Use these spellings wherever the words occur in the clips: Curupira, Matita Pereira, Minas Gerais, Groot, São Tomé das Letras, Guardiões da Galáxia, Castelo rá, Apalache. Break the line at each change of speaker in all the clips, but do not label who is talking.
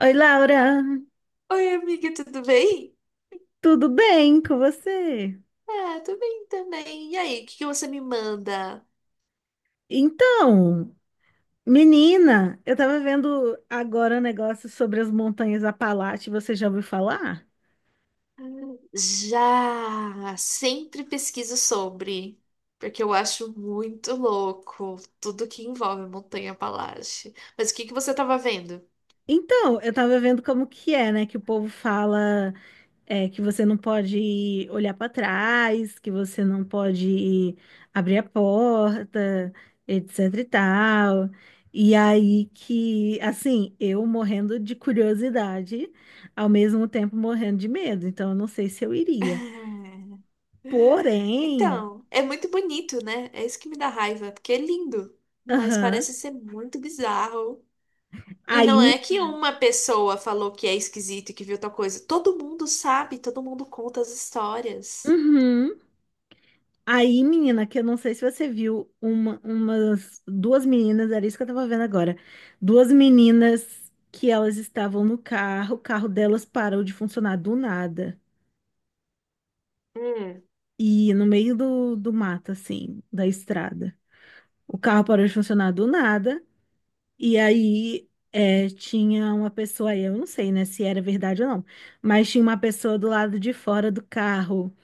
Oi, Laura,
Oi, amiga, tudo bem?
tudo bem com você?
Ah, tô bem também. E aí, o que que você me manda?
Então, menina, eu tava vendo agora um negócio sobre as montanhas Apalache, você já ouviu falar?
Já sempre pesquiso sobre, porque eu acho muito louco tudo que envolve montanha-palácio. Mas o que que você tava vendo?
Então, eu tava vendo como que é, né, que o povo fala. É, que você não pode olhar para trás, que você não pode abrir a porta, etc e tal. E aí que, assim, eu morrendo de curiosidade, ao mesmo tempo morrendo de medo. Então, eu não sei se eu iria.
Ah,
Porém,
então, é muito bonito, né? É isso que me dá raiva, porque é lindo, mas
aham,
parece ser muito bizarro. E
aí
não é
me.
que uma pessoa falou que é esquisito e que viu tal coisa. Todo mundo sabe, todo mundo conta as histórias.
Uhum. Aí, menina, que eu não sei se você viu, umas duas meninas, era isso que eu tava vendo agora. Duas meninas que elas estavam no carro, o carro delas parou de funcionar do nada.
Hum,
E no meio do mato, assim, da estrada. O carro parou de funcionar do nada. E aí tinha uma pessoa aí, eu não sei, né, se era verdade ou não, mas tinha uma pessoa do lado de fora do carro,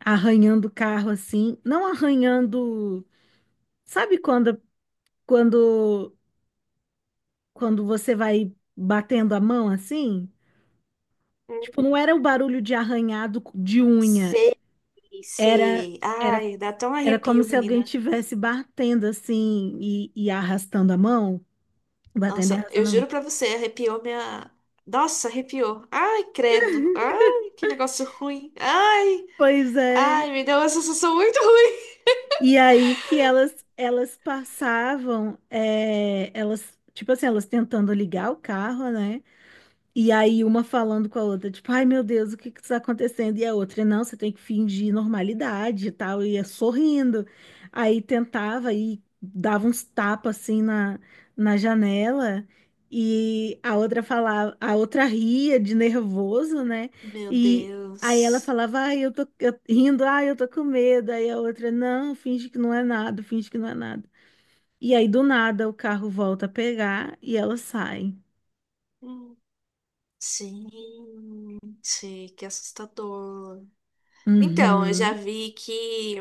arranhando o carro assim, não arranhando. Sabe quando quando você vai batendo a mão assim, tipo,
hum.
não era o barulho de arranhado de unha,
Sei,
era
sei.
era
Ai, dá até um
era como
arrepio,
se
menina.
alguém tivesse batendo assim e arrastando a mão, batendo e
Nossa, eu
arrastando a mão.
juro pra você, arrepiou minha. Nossa, arrepiou. Ai, credo. Ai, que negócio ruim. Ai,
Pois é.
ai, me deu uma sensação muito ruim.
E aí que elas passavam, é, elas tipo assim, elas tentando ligar o carro, né? E aí uma falando com a outra, tipo, ai, meu Deus, o que que está acontecendo? E a outra, não, você tem que fingir normalidade e tal, e ia sorrindo. Aí tentava e dava uns tapas assim na janela, e a outra falava, a outra ria de nervoso, né?
Meu
E aí ela
Deus.
falava, ai, eu tô rindo, ai, eu tô com medo. Aí a outra, não, finge que não é nada, finge que não é nada. E aí do nada o carro volta a pegar e ela sai.
Hum. Gente, que assustador. Então, eu já
Uhum.
vi que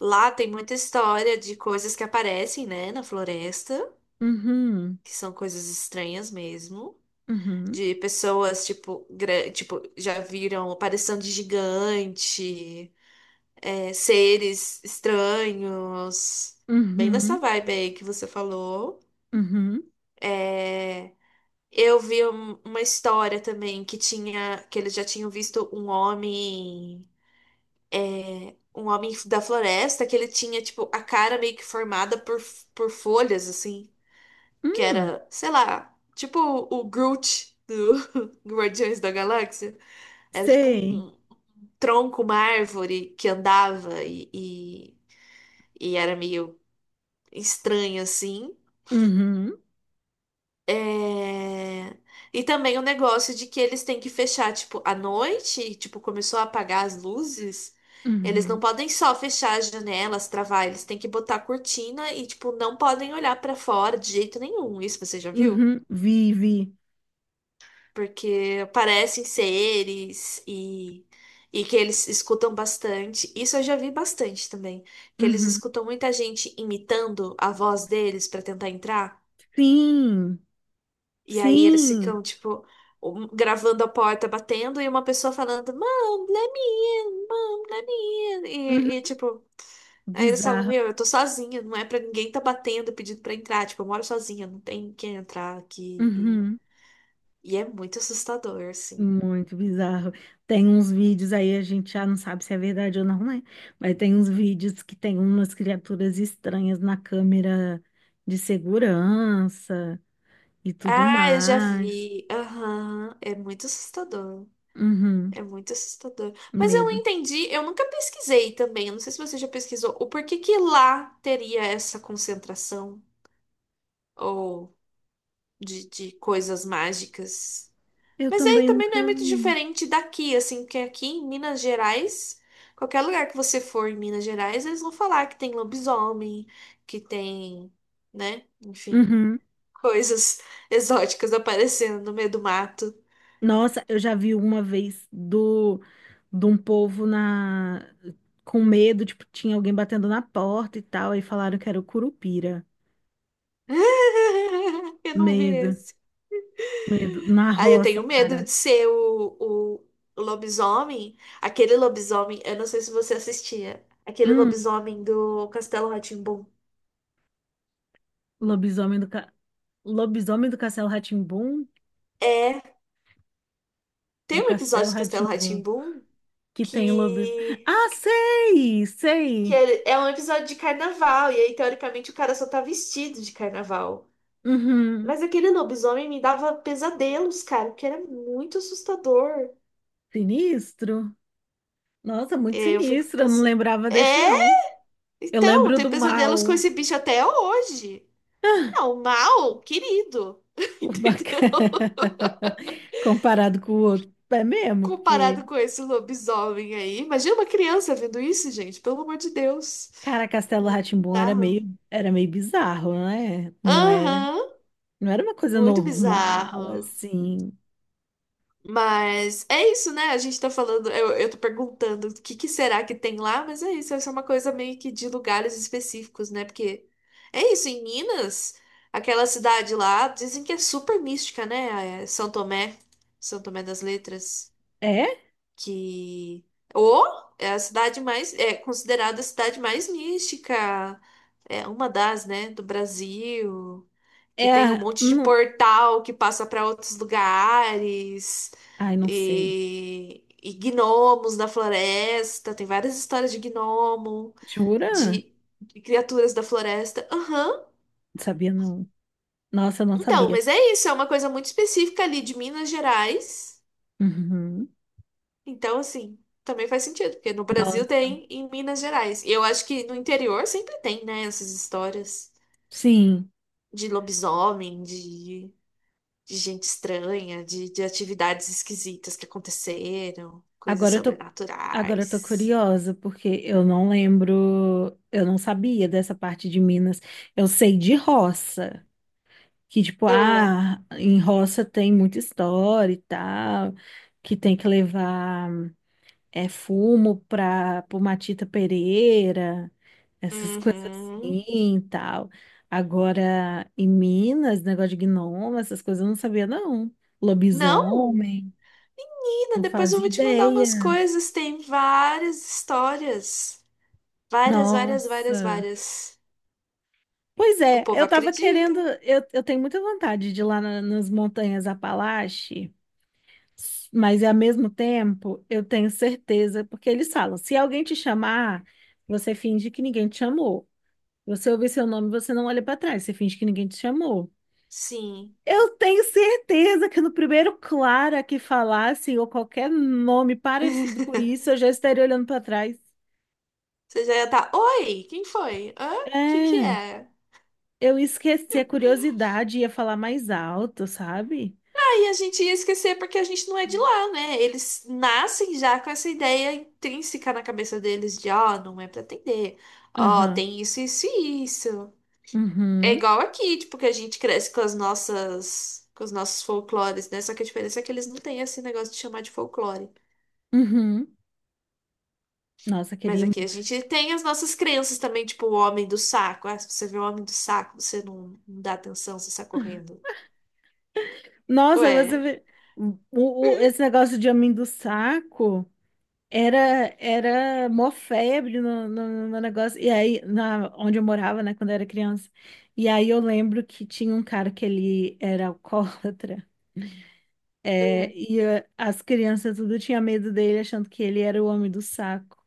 lá tem muita história de coisas que aparecem, né, na floresta,
Uhum.
que são coisas estranhas mesmo.
Uhum,
De pessoas, tipo, tipo, já viram aparição de gigante, é, seres estranhos, bem nessa
uhum,
vibe aí que você falou.
uhum,
É, eu vi uma história também que tinha, que eles já tinham visto um homem da floresta que ele tinha, tipo, a cara meio que formada por folhas, assim, que
hum,
era, sei lá, tipo o Groot do Guardiões da Galáxia. Era tipo
sei.
um, tronco, uma árvore que andava e era meio estranho assim.
Uhum,
É, e também o negócio de que eles têm que fechar, tipo, à noite, tipo, começou a apagar as luzes. Eles
uhum,
não podem só fechar as janelas, travar, eles têm que botar a cortina e, tipo, não podem olhar pra fora de jeito nenhum. Isso você já viu?
uhum, vi, vi.
Porque parecem seres e que eles escutam bastante. Isso eu já vi bastante também, que eles
Uhum.
escutam muita gente imitando a voz deles para tentar entrar,
Sim,
e aí eles
sim.
ficam, tipo, gravando a porta batendo e uma pessoa falando, Mom, let me in, Mom, let me in,
Uhum.
e tipo... Aí eles falam,
Bizarro.
meu, eu tô sozinha, não é pra ninguém tá batendo pedindo pra entrar, tipo, eu moro sozinha, não tem quem entrar aqui.
Uhum.
E é muito assustador, assim.
Muito bizarro. Tem uns vídeos aí, a gente já não sabe se é verdade ou não, né? Mas tem uns vídeos que tem umas criaturas estranhas na câmera de segurança e tudo
Ah, eu já
mais.
vi. Aham. É muito assustador.
Uhum.
É muito assustador. Mas eu não
Medo.
entendi, eu nunca pesquisei também. Eu não sei se você já pesquisou o porquê que lá teria essa concentração ou de coisas mágicas.
Eu
Mas aí
também
também não é
nunca
muito
vi.
diferente daqui, assim, porque aqui em Minas Gerais, qualquer lugar que você for em Minas Gerais, eles vão falar que tem lobisomem, que tem, né, enfim,
Uhum.
coisas exóticas aparecendo no meio do mato.
Nossa, eu já vi uma vez do de um povo na com medo, tipo, tinha alguém batendo na porta e tal, aí falaram que era o Curupira.
Eu não vi
Medo,
esse.
medo na
Aí eu
roça,
tenho medo
cara.
de ser o lobisomem. Aquele lobisomem, eu não sei se você assistia. Aquele
Hum,
lobisomem do Castelo Rá.
lobisomem do ca... lobisomem
É,
Do
tem um
Castelo
episódio do
rá
Castelo Rá
que tem lobis.
que,
Ah, sei,
que
sei.
é um episódio de carnaval. E aí, teoricamente, o cara só tá vestido de carnaval.
Uhum.
Mas aquele lobisomem me dava pesadelos, cara, porque era muito assustador.
Sinistro. Nossa, muito
É, eu fico
sinistro, eu não
pensando.
lembrava desse
É,
não. Eu
então,
lembro
tem
do
pesadelos com
mal.
esse bicho até hoje. Não, mal, querido.
O
Entendeu?
bacana. Comparado com o outro. É mesmo, porque,
Comparado com esse lobisomem aí. Imagina uma criança vendo isso, gente. Pelo amor de Deus.
cara, Castelo rá
Muito bizarro.
era meio bizarro, né? Não era,
Aham,
não era uma coisa
muito
normal,
bizarro.
assim.
Mas é isso, né? A gente tá falando, eu tô perguntando o que que será que tem lá, mas é isso, essa é uma coisa meio que de lugares específicos, né? Porque é isso, em Minas, aquela cidade lá, dizem que é super mística, né? É São Tomé, São Tomé das Letras
É?
que ou é a cidade mais é considerada a cidade mais mística, é uma das, né, do Brasil, que tem um
É.
monte de
Não,
portal que passa para outros lugares
ai, não sei.
e gnomos da floresta, tem várias histórias de gnomo,
Jura?
de, de criaturas da floresta. Aham.
Não sabia, não. Nossa, eu não
Então,
sabia.
mas é isso, é uma coisa muito específica ali de Minas Gerais.
Uhum.
Então, assim, também faz sentido, porque no Brasil
Nossa.
tem, em Minas Gerais. E eu acho que no interior sempre tem, né, essas histórias
Sim.
de lobisomem, de gente estranha, de atividades esquisitas que aconteceram, coisas
Agora eu tô, agora eu tô
sobrenaturais.
curiosa, porque eu não lembro, eu não sabia dessa parte de Minas. Eu sei de roça. Que tipo,
Ah,
ah, em roça tem muita história e tal, que tem que levar é fumo para pro Matita Pereira, essas coisas
uhum.
assim e tal. Agora, em Minas, negócio de gnomo, essas coisas eu não sabia, não.
Não,
Lobisomem, não
menina, depois eu
fazia
vou te mandar umas
ideia.
coisas. Tem várias histórias. Várias, várias, várias,
Nossa.
várias.
Pois
O
é,
povo
eu tava
acredita.
querendo, eu tenho muita vontade de ir lá nas montanhas Apalache. Mas ao mesmo tempo, eu tenho certeza, porque eles falam, se alguém te chamar, você finge que ninguém te chamou. Você ouvir seu nome, você não olha para trás, você finge que ninguém te chamou.
Sim.
Eu tenho certeza que no primeiro Clara que falasse, ou qualquer nome parecido com isso, eu já estaria olhando para trás.
Você já ia estar, oi, quem foi? Hã? O que que
É,
é?
eu esqueci a curiosidade, e ia falar mais alto, sabe?
Aí a gente ia esquecer porque a gente não é de lá, né? Eles nascem já com essa ideia intrínseca na cabeça deles de, ó, não é pra atender. Ó,
Aham,
tem isso, isso e isso. É
uhum,
igual aqui, tipo, que a gente cresce com as nossas, com os nossos folclores, né? Só que a diferença é que eles não têm esse negócio de chamar de folclore.
uhum. Nossa,
Mas
queria.
aqui a gente tem as nossas crenças também, tipo, o homem do saco. Ah, se você vê o homem do saco, você não, não dá atenção, você sai correndo.
Nossa, você
Ué.
o, esse negócio de homem do saco era mó febre no negócio. E aí, onde eu morava, né, quando eu era criança. E aí eu lembro que tinha um cara que ele era alcoólatra. É, e as crianças tudo tinha medo dele, achando que ele era o homem do saco,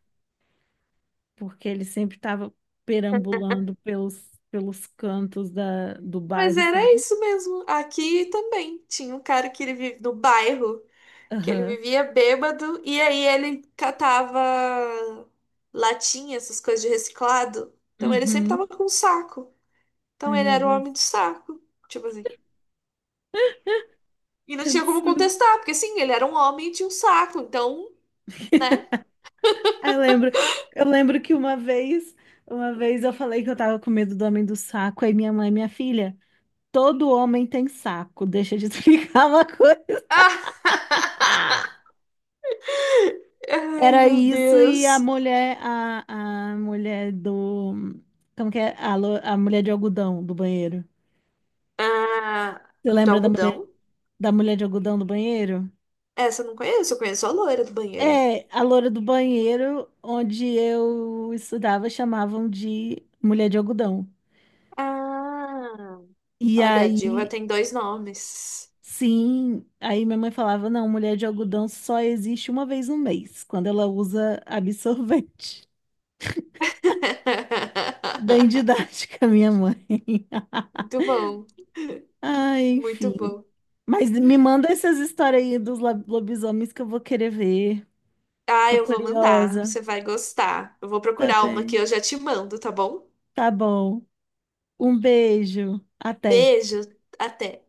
porque ele sempre estava perambulando pelos cantos do
Mas
bairro,
era
sabe?
isso mesmo. Aqui também tinha um cara que ele vive no bairro, que ele
Aham.
vivia bêbado e aí ele catava latinha, essas coisas de reciclado. Então ele sempre tava
Uhum.
com um saco. Então
Ai,
ele
meu
era o homem
Deus.
do saco, tipo assim. E não
Que
tinha como
absurdo.
contestar, porque sim, ele era um homem e tinha um saco, então, né?
Eu lembro, eu lembro que uma vez eu falei que eu tava com medo do homem do saco, aí minha mãe, minha filha, todo homem tem saco, deixa de explicar uma coisa. Ah!
Ai,
Era
meu
isso e a
Deus.
mulher, a mulher do, como que é? A mulher de algodão do banheiro.
Ah,
Você
do
lembra
algodão?
da mulher de algodão do banheiro?
Essa eu não conheço, eu conheço a loira do banheiro.
É, a loura do banheiro, onde eu estudava, chamavam de mulher de algodão.
Ah.
E
Olha, a Dilma
aí
tem dois nomes.
Sim, aí minha mãe falava, não, mulher de algodão só existe uma vez no mês, quando ela usa absorvente. Bem didática, minha mãe.
Muito bom,
Ai,
muito
enfim.
bom.
Mas me manda essas histórias aí dos lobisomens que eu vou querer ver.
Ah,
Tô
eu vou mandar,
curiosa.
você vai gostar. Eu vou
Tá
procurar uma que
bem.
eu já te mando, tá bom?
Tá bom. Um beijo. Até.
Beijo, até.